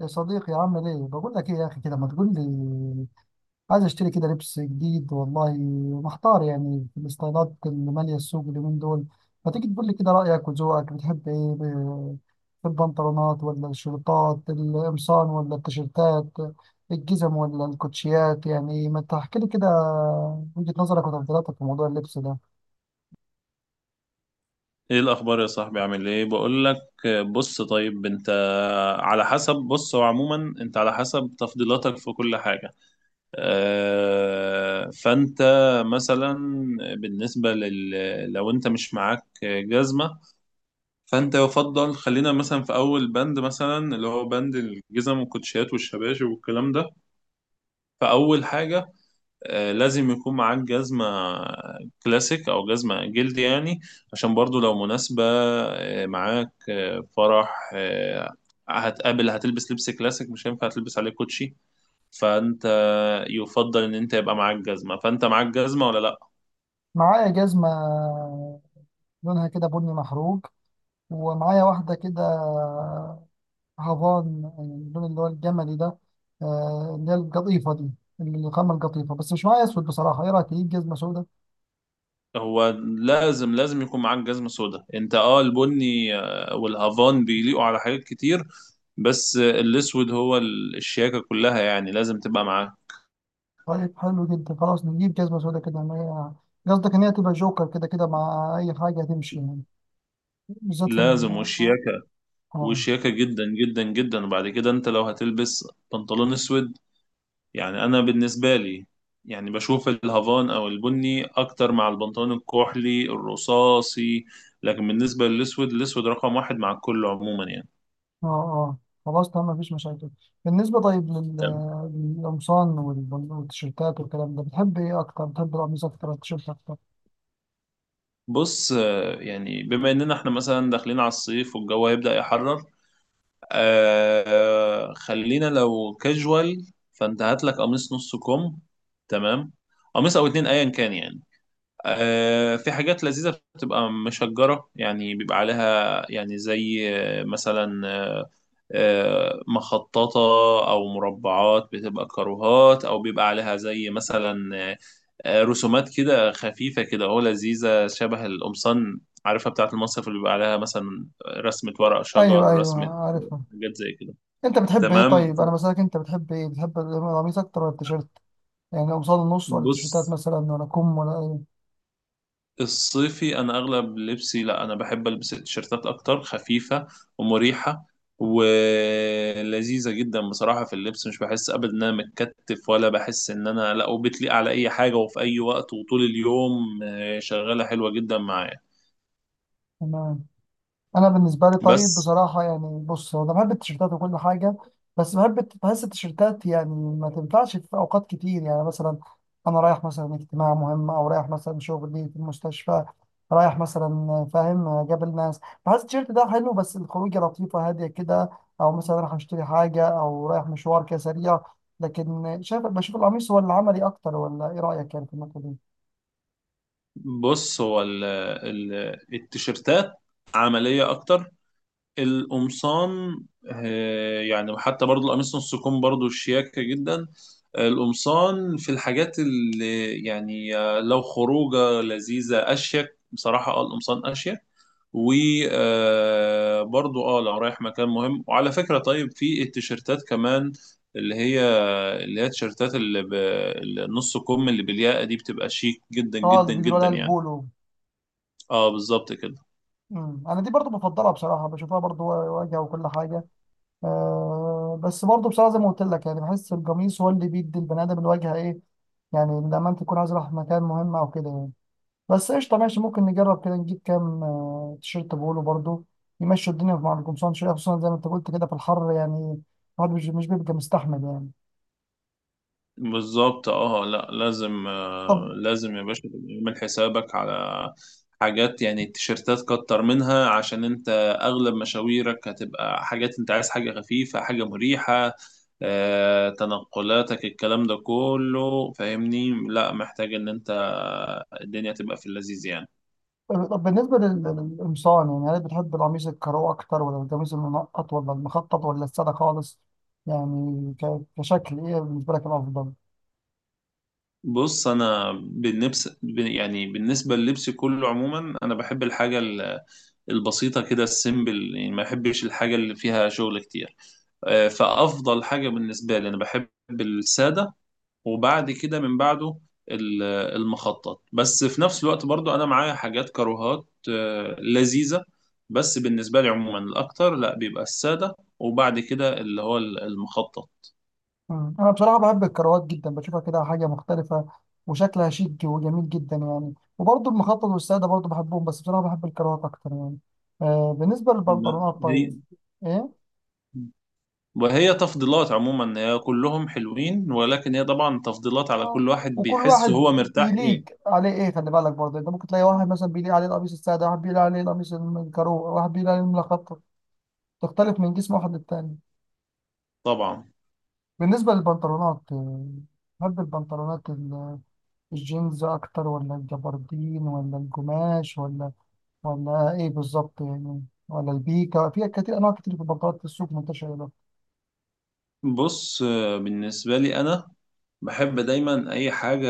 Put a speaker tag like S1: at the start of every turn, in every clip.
S1: يا صديقي، عامل ايه؟ بقول لك ايه يا اخي، كده ما تقول لي. عايز اشتري كده لبس جديد والله. محتار يعني في الستايلات اللي ماليه السوق اليومين دول. ما تيجي تقول لي كده رايك وذوقك، بتحب ايه في البنطلونات ولا الشورتات، القمصان ولا التيشيرتات، الجزم ولا الكوتشيات؟ يعني ما تحكي لي كده وجهه نظرك وتفضيلاتك في موضوع اللبس ده.
S2: ايه الاخبار يا صاحبي؟ عامل ايه؟ بقول لك بص، طيب انت على حسب، بص هو عموما انت على حسب تفضيلاتك في كل حاجه. فانت مثلا بالنسبه لل لو انت مش معاك جزمه، فانت يفضل، خلينا مثلا في اول بند، مثلا اللي هو بند الجزم والكوتشيات والشباشب والكلام ده. فاول حاجه، لازم يكون معاك جزمة كلاسيك أو جزمة جلد يعني، عشان برضو لو مناسبة معاك فرح هتقابل، هتلبس لبس كلاسيك، مش هينفع تلبس عليه كوتشي. فأنت يفضل إن أنت يبقى معاك جزمة. فأنت معاك جزمة ولا لأ؟
S1: معايا جزمه لونها كده بني محروق، ومعايا واحده كده هافان، يعني اللون اللي هو الجملي ده، اللي هي القطيفة دي، الخامة القطيفة. بس مش معايا أسود. بصراحة إيه رأيك تجيب جزمة سوداء؟
S2: هو لازم يكون معاك جزمة سودا. أنت أه، البني والهافان بيليقوا على حاجات كتير، بس الأسود هو الشياكة كلها، يعني لازم تبقى معاه.
S1: طيب حلو جدا، خلاص نجيب جزمة سوداء كده ما. هي قصدك إن هي تبقى جوكر كده كده، مع أي حاجة هتمشي يعني. بالذات في الم...
S2: لازم،
S1: آه
S2: والشياكة
S1: آه،
S2: وشياكة جدا جدا جدا. وبعد كده انت لو هتلبس بنطلون اسود، يعني انا بالنسبة لي، يعني بشوف الهافان او البني اكتر مع البنطلون الكحلي الرصاصي، لكن بالنسبة للاسود، الاسود رقم واحد مع الكل عموما يعني.
S1: آه، آه. خلاص تمام، مفيش مشاكل. بالنسبة طيب
S2: طب
S1: للقمصان والتيشيرتات والكلام ده، بتحب إيه أكتر؟ بتحب القميص أكتر ولا التيشيرت أكتر؟
S2: بص، يعني بما اننا احنا مثلا داخلين على الصيف والجو هيبدأ يحرر، آه خلينا لو كاجوال، فانت هات لك قميص نص كم. تمام، قميص او اتنين ايا كان يعني. في حاجات لذيذة بتبقى مشجرة، يعني بيبقى عليها يعني زي آه، مثلا آه، آه، مخططة أو مربعات بتبقى كاروهات، أو بيبقى عليها زي مثلا رسومات كده خفيفة كده، هو لذيذة شبه القمصان، عارفها بتاعة المصيف اللي بيبقى عليها مثلا رسمة ورق شجر
S1: أيوه، أيوه،
S2: رسمة.
S1: عارفها.
S2: حاجات زي كده.
S1: انت بتحب ايه
S2: تمام،
S1: طيب؟ انا بسألك انت بتحب ايه، بتحب القميص اكتر ولا التيشيرت؟ يعني قمصان النص ولا التيشيرتات
S2: بص
S1: مثلا ولا كم ولا ايه؟
S2: الصيفي انا اغلب لبسي، لا انا بحب البس التيشيرتات اكتر، خفيفه ومريحه ولذيذه جدا بصراحه في اللبس، مش بحس ابدا ان انا متكتف، ولا بحس ان انا، لا، وبتليق على اي حاجه وفي اي وقت وطول اليوم شغاله حلوه جدا معايا.
S1: تمام. انا بالنسبه لي طيب
S2: بس
S1: بصراحه، يعني بص هو انا بحب التيشيرتات وكل حاجه. بس بحب بحس التيشيرتات يعني ما تنفعش في اوقات كتير. يعني مثلا انا رايح مثلا اجتماع مهم، او رايح مثلا شغلي في المستشفى، رايح مثلا فاهم قابل ناس، بحس التيشيرت ده حلو بس الخروجه لطيفه هاديه كده، او مثلا رايح اشتري حاجه او رايح مشوار كده سريع. لكن بشوف القميص هو اللي عملي اكتر، ولا ايه رايك يعني في النقطه دي؟
S2: بص هو التيشيرتات عمليه اكتر. القمصان، يعني حتى برضو القميص نص كم برضو شياكه جدا. القمصان في الحاجات اللي يعني لو خروجه لذيذه، اشيك بصراحه، اه القمصان اشيك، وبرضو اه لو رايح مكان مهم. وعلى فكره طيب، في التيشيرتات كمان اللي هي اللي هي التيشيرتات النص كم اللي بالياقه دي، بتبقى شيك جدا
S1: اه، اللي
S2: جدا
S1: بيقولوا
S2: جدا
S1: عليها
S2: يعني.
S1: البولو.
S2: اه بالظبط كده.
S1: انا دي برضو بفضلها بصراحه، بشوفها برضو واجهه وكل حاجه. بس برضه بصراحة زي ما قلت لك، يعني بحس القميص هو اللي بيدي البني آدم الواجهة، إيه يعني لما أنت تكون عايز رايح مكان مهم أو كده يعني. بس قشطة ماشي، ممكن نجرب كده نجيب كام تيشيرت بولو برضه يمشوا الدنيا مع القمصان شوية، خصوصا زي ما أنت قلت كده في الحر، يعني الواحد مش بيبقى مستحمل يعني.
S2: بالظبط، اه لا لازم،
S1: طب،
S2: لازم يا باشا تبقى عامل حسابك على حاجات، يعني التيشيرتات كتر منها، عشان انت اغلب مشاويرك هتبقى حاجات، انت عايز حاجة خفيفة، حاجة مريحة، تنقلاتك، الكلام ده كله فاهمني، لا محتاج ان انت الدنيا تبقى في اللذيذ يعني.
S1: طب بالنسبة للقمصان، يعني هل بتحب القميص الكارو أكتر ولا القميص المنقط ولا المخطط ولا السادة خالص؟ يعني كشكل إيه بالنسبة لك الأفضل؟
S2: بص انا بالنفس يعني بالنسبة للبس كله عموما، انا بحب الحاجة البسيطة كده، السيمبل يعني، ما بحبش الحاجة اللي فيها شغل كتير. فأفضل حاجة بالنسبة لي، أنا بحب السادة، وبعد كده من بعده ال- المخطط، بس في نفس الوقت برضو أنا معايا حاجات كروهات لذيذة، بس بالنسبة لي عموما الأكتر لا بيبقى السادة، وبعد كده اللي هو المخطط.
S1: مم. انا بصراحه بحب الكروات جدا، بشوفها كده حاجه مختلفه وشكلها شيك وجميل جدا يعني. وبرضه المخطط والساده برضه بحبهم، بس بصراحه بحب الكروات اكتر يعني. بالنسبه للبنطلونات
S2: هي
S1: طيب. ايه؟
S2: وهي تفضيلات عموما، هي كلهم حلوين، ولكن هي طبعا تفضيلات، على
S1: آه.
S2: كل واحد
S1: وكل
S2: بيحس
S1: واحد
S2: هو مرتاح
S1: بيليق
S2: ايه.
S1: عليه ايه، خلي بالك برضه انت ممكن تلاقي واحد مثلا بيليق عليه القميص الساده، واحد بيليق عليه القميص الكرو، واحد بيليق عليه المخطط. تختلف من جسم واحد للتاني.
S2: طبعا،
S1: بالنسبه للبنطلونات، بحب البنطلونات الجينز اكتر ولا الجبردين ولا الجماش ولا، ولا ايه بالظبط يعني؟ ولا البيكا، في كتير انواع كتير، في البطاطا في السوق منتشره ده.
S2: بص بالنسبة لي أنا بحب دايما أي حاجة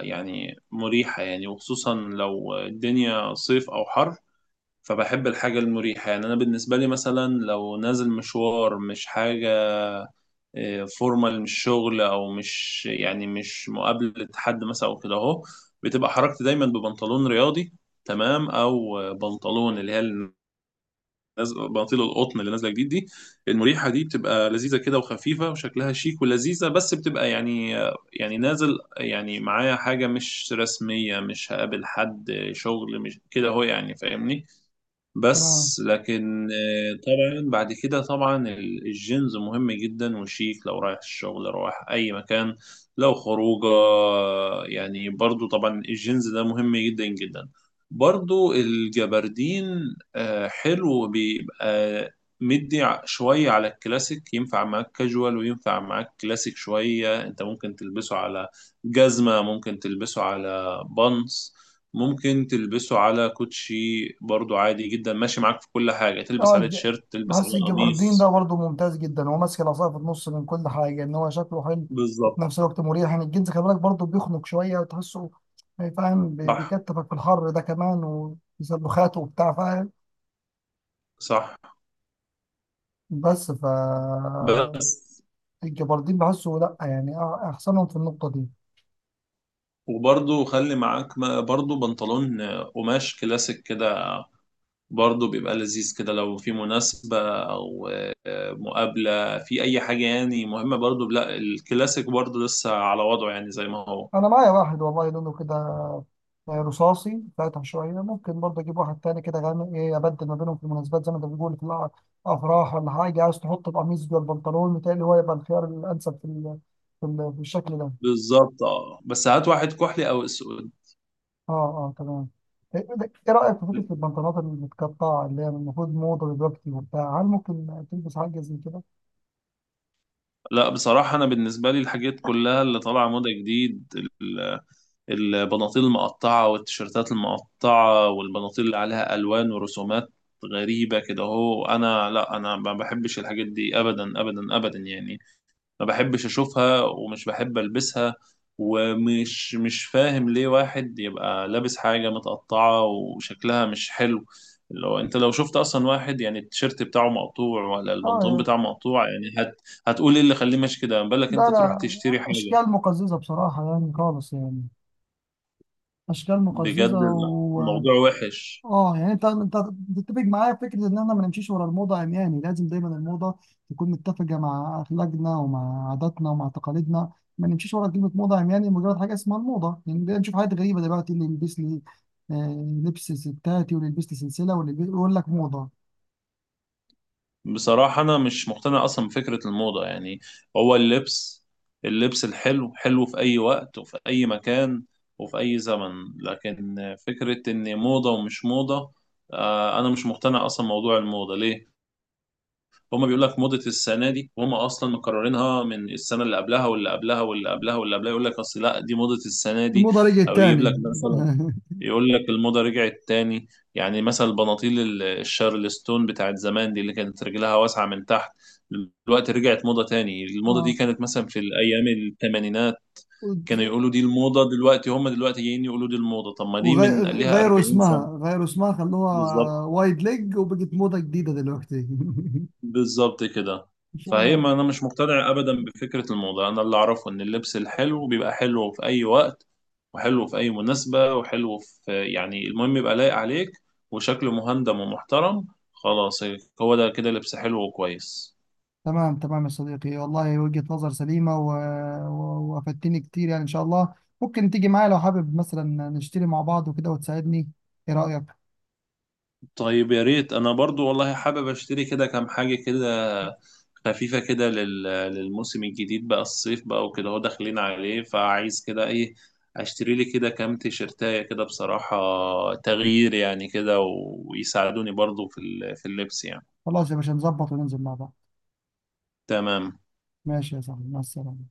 S2: يعني مريحة، يعني وخصوصا لو الدنيا صيف أو حر، فبحب الحاجة المريحة. يعني أنا بالنسبة لي مثلا لو نازل مشوار مش حاجة فورمال، مش شغل أو مش يعني مش مقابلة حد مثلا أو كده أهو، بتبقى حركتي دايما ببنطلون رياضي، تمام، أو بنطلون اللي هي بناطيل القطن اللي نازله جديد دي، المريحه دي، بتبقى لذيذه كده وخفيفه وشكلها شيك ولذيذه، بس بتبقى يعني، يعني نازل يعني معايا حاجه مش رسميه، مش هقابل حد شغل مش كده، هو يعني فاهمني.
S1: تمام.
S2: بس لكن طبعا بعد كده طبعا الجينز مهم جدا وشيك لو رايح الشغل، رايح اي مكان، لو خروجه يعني برضو طبعا الجينز ده مهم جدا جدا. برضو الجبردين حلو، بيبقى مدي شوية على الكلاسيك، ينفع معاك كاجوال وينفع معاك كلاسيك شوية، انت ممكن تلبسه على جزمة، ممكن تلبسه على بانس، ممكن تلبسه على كوتشي، برضو عادي جدا ماشي معاك في كل حاجة، تلبس
S1: اه،
S2: عليه تيشيرت، تلبس
S1: بحس
S2: عليه
S1: الجبردين ده
S2: قميص.
S1: برضه ممتاز جدا، هو ماسك العصايه في النص من كل حاجه، ان هو شكله حلو وفي
S2: بالظبط،
S1: نفس الوقت مريح. يعني الجنس خلي بالك برضه بيخنق شويه وتحسه، يعني فاهم،
S2: صح،
S1: بيكتفك في الحر ده كمان، وسلوخاته وبتاع فاهم.
S2: صح،
S1: بس ف
S2: بس،
S1: الجبردين بحسه لا، يعني احسنهم في النقطه دي.
S2: وبرضو خلي معاك برضو بنطلون قماش كلاسيك كده، برضو بيبقى لذيذ كده لو في مناسبة أو مقابلة في أي حاجة يعني مهمة، برضو لا الكلاسيك برضو لسه على وضعه يعني زي ما هو.
S1: انا معايا واحد والله لونه كده يعني رصاصي فاتح شويه، ممكن برضه اجيب واحد تاني كده غامق، ايه، ابدل ما بينهم في المناسبات زي ما انت بتقول في افراح ولا حاجه. عايز تحط القميص جوه البنطلون، متهيألي هو يبقى الخيار الانسب في الشكل ده.
S2: بالظبط اه، بس هات واحد كحلي أو أسود.
S1: اه، اه، تمام. ايه؟ إيه رايك في فكره البنطلونات المتقطعه اللي هي المفروض موضه دلوقتي وبتاع؟ هل ممكن تلبس حاجه زي كده؟
S2: لا بصراحة أنا بالنسبة لي الحاجات كلها اللي طالعة موضة جديد، ال- البناطيل المقطعة والتيشيرتات المقطعة والبناطيل اللي عليها ألوان ورسومات غريبة كده أهو، أنا لا، أنا ما بحبش الحاجات دي أبدا أبدا أبدا يعني، ما بحبش اشوفها ومش بحب البسها، ومش مش فاهم ليه واحد يبقى لابس حاجة متقطعة وشكلها مش حلو. لو انت لو شفت اصلا واحد يعني التيشيرت بتاعه مقطوع ولا البنطلون
S1: اه.
S2: بتاعه مقطوع، يعني هتقول ايه اللي خليه ماشي كده، ما بالك
S1: ده لا،
S2: انت تروح
S1: لا،
S2: تشتري حاجة.
S1: اشكال مقززه بصراحه يعني خالص يعني. اشكال مقززه.
S2: بجد الموضوع وحش.
S1: اه، يعني انت تتفق معايا في فكره ان احنا ما نمشيش ورا الموضه عمياني. لازم دايما الموضه تكون متفقه مع اخلاقنا ومع عاداتنا ومع تقاليدنا. ما نمشيش ورا كلمه موضه عمياني، مجرد حاجه اسمها الموضه. يعني بدأنا نشوف حاجات غريبه دلوقتي، اللي يلبس لي لبس ستاتي، واللي يلبس لي سلسله، يقول لك موضه.
S2: بصراحة أنا مش مقتنع أصلا بفكرة الموضة يعني. هو اللبس، اللبس الحلو حلو في أي وقت وفي أي مكان وفي أي زمن، لكن فكرة إن موضة ومش موضة، أنا مش مقتنع أصلا موضوع الموضة، ليه؟ هما بيقول لك موضة السنة دي، وهما أصلا مكررينها من السنة اللي قبلها واللي قبلها واللي قبلها واللي قبلها، يقول لك أصل لا دي موضة السنة دي،
S1: الموضه رجعت
S2: أو يجيب
S1: تاني.
S2: لك مثلا، يقول لك الموضة رجعت تاني. يعني مثلا البناطيل الشارلستون بتاعت زمان دي، اللي كانت رجلها واسعة من تحت، دلوقتي رجعت موضة تاني. الموضة دي
S1: اه،
S2: كانت مثلا في الأيام الثمانينات كانوا يقولوا دي الموضة، دلوقتي هم دلوقتي جايين يقولوا دي الموضة، طب ما دي من ليها
S1: وغيروا
S2: 40
S1: اسمها،
S2: سنة.
S1: غيروا اسمها، خلوها
S2: بالظبط،
S1: وايد ليج وبقت موضه جديده دلوقتي.
S2: بالظبط كده.
S1: مش.
S2: فهي ما انا مش مقتنع ابدا بفكره الموضه، انا اللي اعرفه ان اللبس الحلو بيبقى حلو في اي وقت، وحلو في اي مناسبه، وحلو في يعني المهم يبقى لايق عليك، وشكله مهندم ومحترم، خلاص، هو ده كده لبس حلو وكويس.
S1: تمام، تمام يا صديقي والله، وجهة نظر سليمة وافدتني كتير يعني. إن شاء الله ممكن تيجي معايا لو حابب، مثلا نشتري مع بعض وكده وتساعدني. إيه رأيك؟
S2: طيب يا ريت، انا برضو والله حابب اشتري كده كام حاجة كده خفيفة كده لل... للموسم الجديد بقى، الصيف بقى وكده هو داخلين عليه، فعايز كده ايه، اشتري لي كده كام تيشرتاية كده بصراحة، تغيير يعني كده، و... ويساعدوني برضو في ال... في اللبس يعني.
S1: خلاص يا باشا، نظبط وننزل مع بعض.
S2: تمام
S1: ماشي يا صاحبي، مع السلامة.